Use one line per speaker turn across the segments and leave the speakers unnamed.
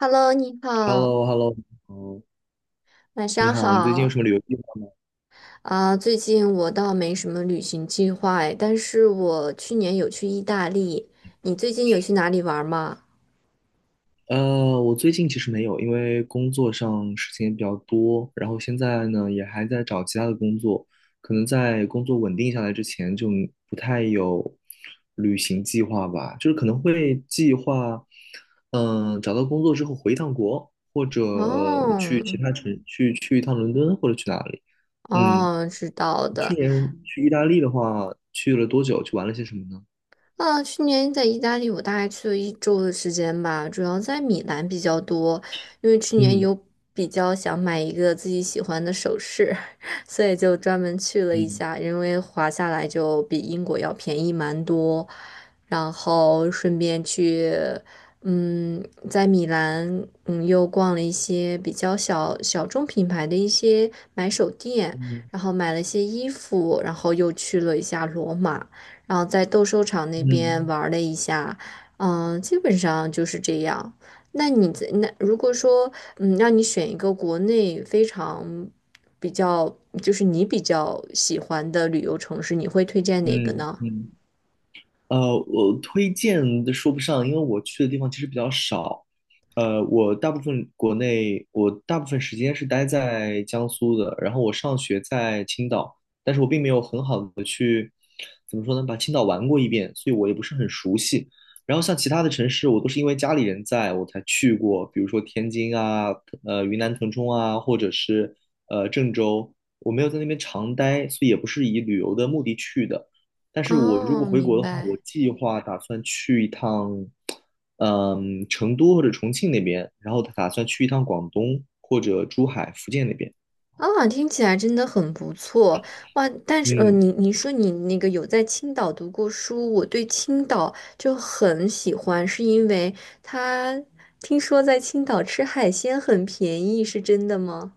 Hello，你
h e l l o
好，
h e l l o 嗯，
晚
你
上
好，你最近有
好。
什么旅游计划吗？
最近我倒没什么旅行计划哎，但是我去年有去意大利。你最近有去哪里玩吗？
我最近其实没有，因为工作上事情也比较多，然后现在呢也还在找其他的工作，可能在工作稳定下来之前就不太有旅行计划吧，就是可能会计划，找到工作之后回一趟国，或者去其
哦，
他城，去一趟伦敦或者去哪里。嗯，
哦，知道
去
的。
年去意大利的话，去了多久？去玩了些什么呢？
去年在意大利，我大概去了一周的时间吧，主要在米兰比较多，因为去年
嗯
有比较想买一个自己喜欢的首饰，所以就专门去了一
嗯。
下，因为划下来就比英国要便宜蛮多，然后顺便去，嗯，在米兰，又逛了一些比较小众品牌的一些买手店，
嗯
然后买了一些衣服，然后又去了一下罗马。然后在斗兽场那边
嗯
玩了一下，嗯，基本上就是这样。那你在那如果说，嗯，让你选一个国内非常，就是你比较喜欢的旅游城市，你会推荐哪个
嗯
呢？
嗯，我推荐的说不上，因为我去的地方其实比较少。我大部分国内，我大部分时间是待在江苏的，然后我上学在青岛，但是我并没有很好的去，怎么说呢，把青岛玩过一遍，所以我也不是很熟悉。然后像其他的城市，我都是因为家里人在我才去过，比如说天津啊，云南腾冲啊，或者是郑州，我没有在那边常待，所以也不是以旅游的目的去的。但是我如果
哦，
回国
明
的话，我
白。
计划打算去一趟，成都或者重庆那边，然后打算去一趟广东或者珠海、福建那边。
听起来真的很不错哇！但是，
嗯，
你说你那个有在青岛读过书，我对青岛就很喜欢，是因为他听说在青岛吃海鲜很便宜，是真的吗？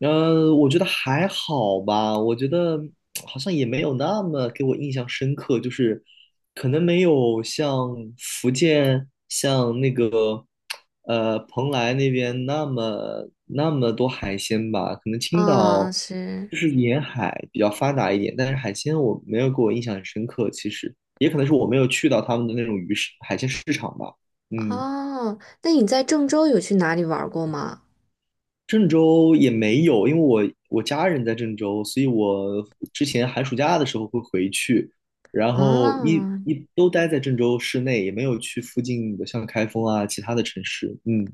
我觉得还好吧，我觉得好像也没有那么给我印象深刻，就是可能没有像福建、像那个蓬莱那边那么多海鲜吧，可能青
啊，
岛就
是
是沿海比较发达一点，但是海鲜我没有给我印象很深刻，其实也可能是我没有去到他们的那种鱼市海鲜市场吧，嗯。
哦。那你在郑州有去哪里玩过吗？
郑州也没有，因为我家人在郑州，所以我之前寒暑假的时候会回去，然后
啊，
一都待在郑州市内，也没有去附近的像开封啊其他的城市。嗯，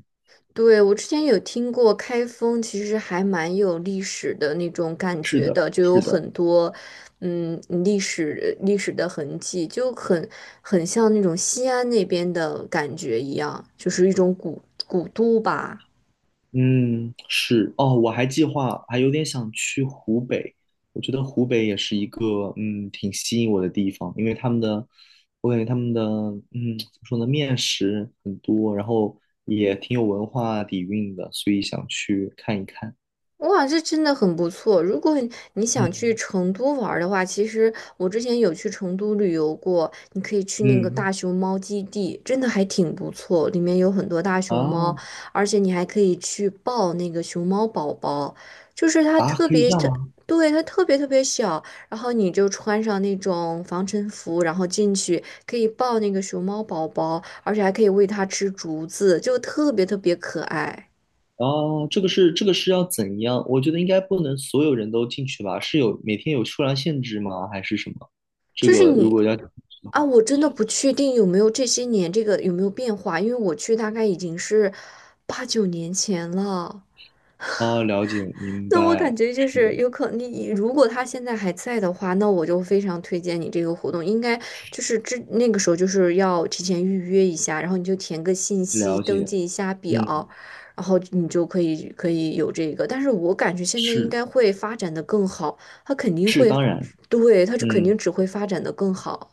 对，我之前有听过开封，其实还蛮有历史的那种感
是
觉
的，
的，就有
是的。
很多，嗯，历史的痕迹，很像那种西安那边的感觉一样，就是一种古都吧。
嗯，是哦，我还计划还有点想去湖北，我觉得湖北也是一个挺吸引我的地方，因为他们的我感觉他们的怎么说呢，面食很多，然后也挺有文化底蕴的，所以想去看一看。
哇，这真的很不错。如果你想去
嗯
成都玩儿的话，其实我之前有去成都旅游过，你可以去那个
嗯
大熊猫基地，真的还挺不错，里面有很多大熊猫，
啊
而且你还可以去抱那个熊猫宝宝，就是它
啊，
特
可以
别
这样
特，
吗？
对，它特别特别小，然后你就穿上那种防尘服，然后进去可以抱那个熊猫宝宝，而且还可以喂它吃竹子，就特别特别可爱。
哦，这个是要怎样？我觉得应该不能所有人都进去吧？是有每天有数量限制吗？还是什么？这
就是
个如
你
果要进去的话。
我真的不确定有没有这些年这个有没有变化，因为我去大概已经是八九年前了。
啊，了解，明
那我感
白，
觉就
是
是
的，
有可你如果他现在还在的话，那我就非常推荐你这个活动，应该就是那个时候就是要提前预约一下，然后你就填个信息，
了
登
解，
记一下表，
嗯，
然后你就可以有这个。但是我感觉现在应
是
该会发展的更好，他肯定
是，
会，
当然，
对，他就肯定
嗯。
只会发展的更好。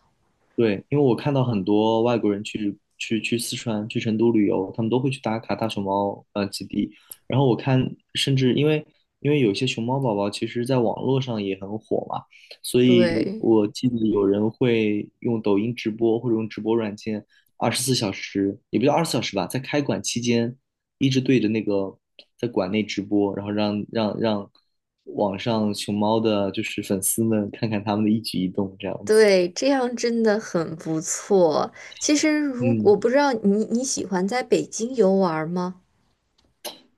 对，因为我看到很多外国人去四川、去成都旅游，他们都会去打卡大熊猫基地。然后我看，甚至因为有些熊猫宝宝其实在网络上也很火嘛，所以
对
我记得有人会用抖音直播或者用直播软件，二十四小时也不叫二十四小时吧，在开馆期间一直对着那个在馆内直播，然后让网上熊猫的就是粉丝们看看他们的一举一动这样子。
对，这样真的很不错。其实如，我
嗯。
不知道你喜欢在北京游玩吗？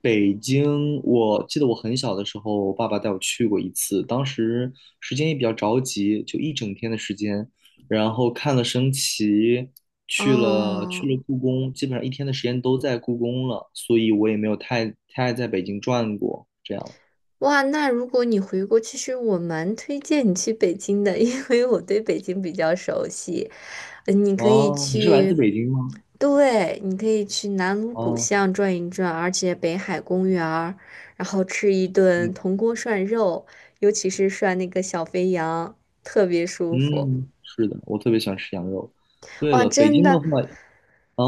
北京，我记得我很小的时候，我爸爸带我去过一次，当时时间也比较着急，就一整天的时间，然后看了升旗，去了去
哦，
了故宫，基本上一天的时间都在故宫了，所以我也没有太在北京转过，这样。
哇，那如果你回国，其实我蛮推荐你去北京的，因为我对北京比较熟悉。你可以
哦，你是来自
去，
北京吗？
对，你可以去南锣鼓
哦，
巷转一转，而且北海公园儿然后吃一顿
嗯
铜锅涮肉，尤其是涮那个小肥羊，特别舒服。
嗯，是的，我特别喜欢吃羊肉。对
哇，
了，北
真
京的
的，
话，嗯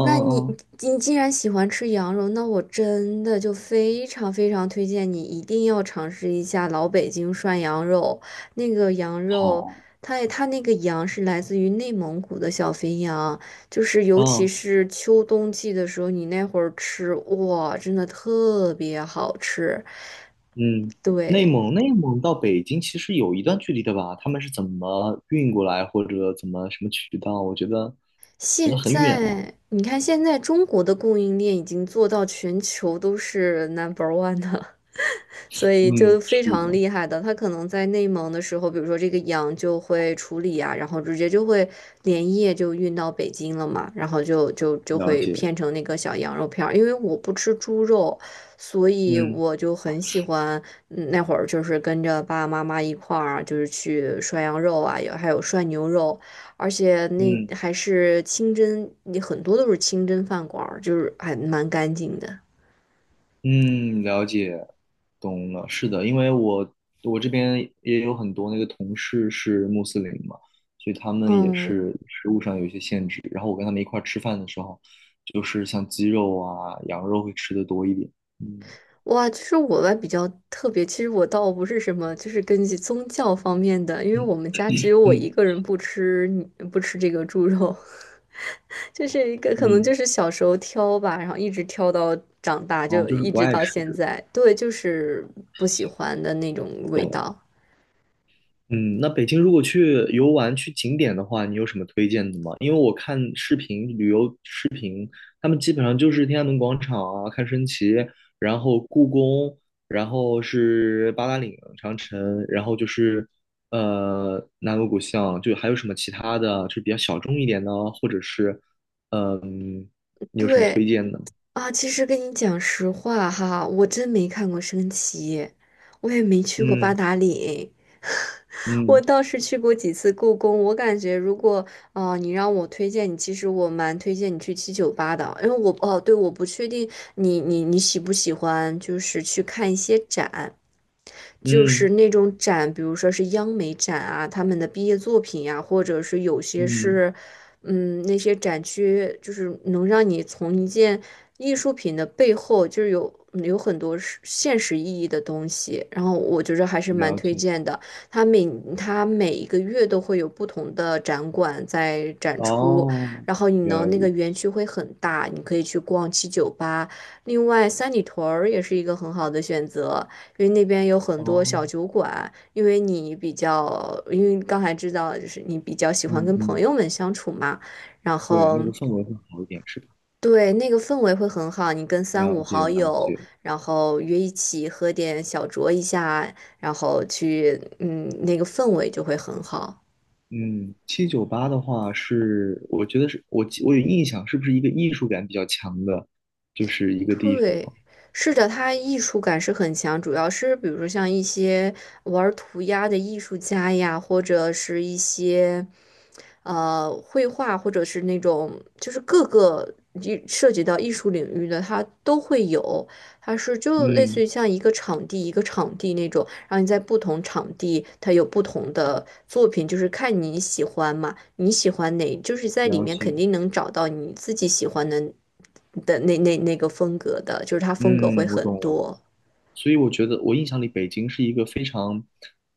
那你
嗯，
你既然喜欢吃羊肉，那我真的就非常非常推荐你一定要尝试一下老北京涮羊肉。那个羊肉，
好，
它那个羊是来自于内蒙古的小肥羊，就是尤其
嗯。
是秋冬季的时候，你那会儿吃，哇，真的特别好吃。
嗯，内
对，
蒙内蒙到北京其实有一段距离的吧？他们是怎么运过来，或者怎么什么渠道？我觉得好像
现
很远啊。
在你看，现在中国的供应链已经做到全球都是 number one 的。所以
嗯，
就非
是
常
的，
厉害的，他可能在内蒙的时候，比如说这个羊就会处理啊，然后直接就会连夜就运到北京了嘛，然后就
了
会
解。
片成那个小羊肉片儿。因为我不吃猪肉，所以
嗯
我就很喜欢，嗯那会儿就是跟着爸爸妈妈一块儿，就是去涮羊肉啊，有还有涮牛肉，而且那
嗯
还是清真，你很多都是清真饭馆儿，就是还蛮干净的。
嗯，了解，懂了。是的，因为我这边也有很多那个同事是穆斯林嘛，所以他们也
嗯。
是食物上有一些限制。然后我跟他们一块儿吃饭的时候，就是像鸡肉啊、羊肉会吃的多一点。嗯
哇，其实我吧比较特别，其实我倒不是什么，就是根据宗教方面的，因为
嗯
我们家只有我
嗯。
一个人不吃这个猪肉，就是一个可能
嗯
就是小时候挑吧，然后一直挑到长大，
哦，
就
就是
一
不
直
爱
到
吃
现
这个，
在，对，就是不喜欢的那种
懂
味道。
了。嗯，那北京如果去游玩、去景点的话，你有什么推荐的吗？因为我看视频旅游，他们基本上就是天安门广场啊，看升旗，然后故宫，然后是八达岭长城，然后就是南锣鼓巷，就还有什么其他的啊，就是比较小众一点的啊，或者是嗯，你有什么推
对，
荐的？
其实跟你讲实话哈，我真没看过升旗，我也没去过八
嗯
达岭，我
嗯
倒是去过几次故宫。我感觉如果你让我推荐你，其实我蛮推荐你去七九八的，因为我哦，对，我不确定你喜不喜欢，就是去看一些展。就
嗯
是那种展，比如说是央美展啊，他们的毕业作品呀、或者是有些
嗯，
是，嗯，那些展区，就是能让你从一件艺术品的背后就是有有很多是现实意义的东西，然后我觉着还是蛮
了
推
解。
荐的。它每它每一个月都会有不同的展馆在展出，
哦，
然后你
原来
能那
如
个
此。
园区会很大，你可以去逛七九八。另外，三里屯儿也是一个很好的选择，因为那边有很多
哦，
小酒馆。因为你比较，因为刚才知道就是你比较喜欢
嗯
跟朋
嗯，
友们相处嘛，然
对，
后。
那个氛围会好一点，是吧？
对，那个氛围会很好，你跟三
了
五
解
好
了
友，
解，
然后约一起喝点小酌一下，然后去，嗯，那个氛围就会很好。
嗯，798的话是，我觉得是我有印象，是不是一个艺术感比较强的，就是一个地
对，
方？
是的，它艺术感是很强，主要是比如说像一些玩儿涂鸦的艺术家呀，或者是一些。绘画或者是那种就是各个涉及到艺术领域的，它都会有。它是就类似
嗯，
于像一个场地一个场地那种，然后你在不同场地它有不同的作品，就是看你喜欢嘛，你喜欢哪，就是在里
了
面肯
解，
定能找到你自己喜欢的那个风格的，就是它风格会
嗯，我
很
懂了。
多。
所以我觉得我印象里北京是一个非常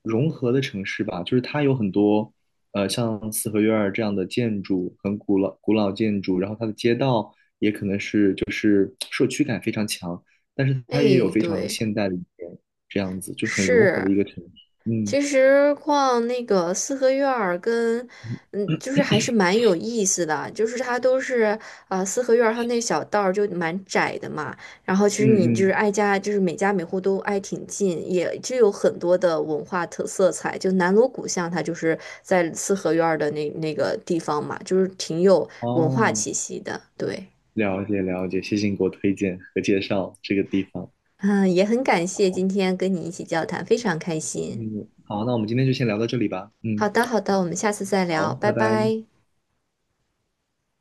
融合的城市吧，就是它有很多像四合院儿这样的建筑，很古老古老建筑，然后它的街道也可能是就是社区感非常强，但是它也有
哎，
非常
对，
现代的一面，这样子就很融合的
是。
一个城市。嗯
其实逛那个四合院儿跟，嗯，就是还是蛮有意思的，就是它都是四合院儿它那小道儿就蛮窄的嘛，然后其实你
嗯
就是
嗯，
挨家，就是每家每户都挨挺近，也就有很多的文化特色彩。就南锣鼓巷它就是在四合院儿的那个地方嘛，就是挺有文化
哦，
气息的。对，
了解了解，谢谢你给我推荐和介绍这个地方。
嗯，也很感谢今天跟你一起交谈，非常开心。
嗯，好，那我们今天就先聊到这里吧。嗯，
好的，好的，我们下次再
好，
聊，拜
拜拜。
拜。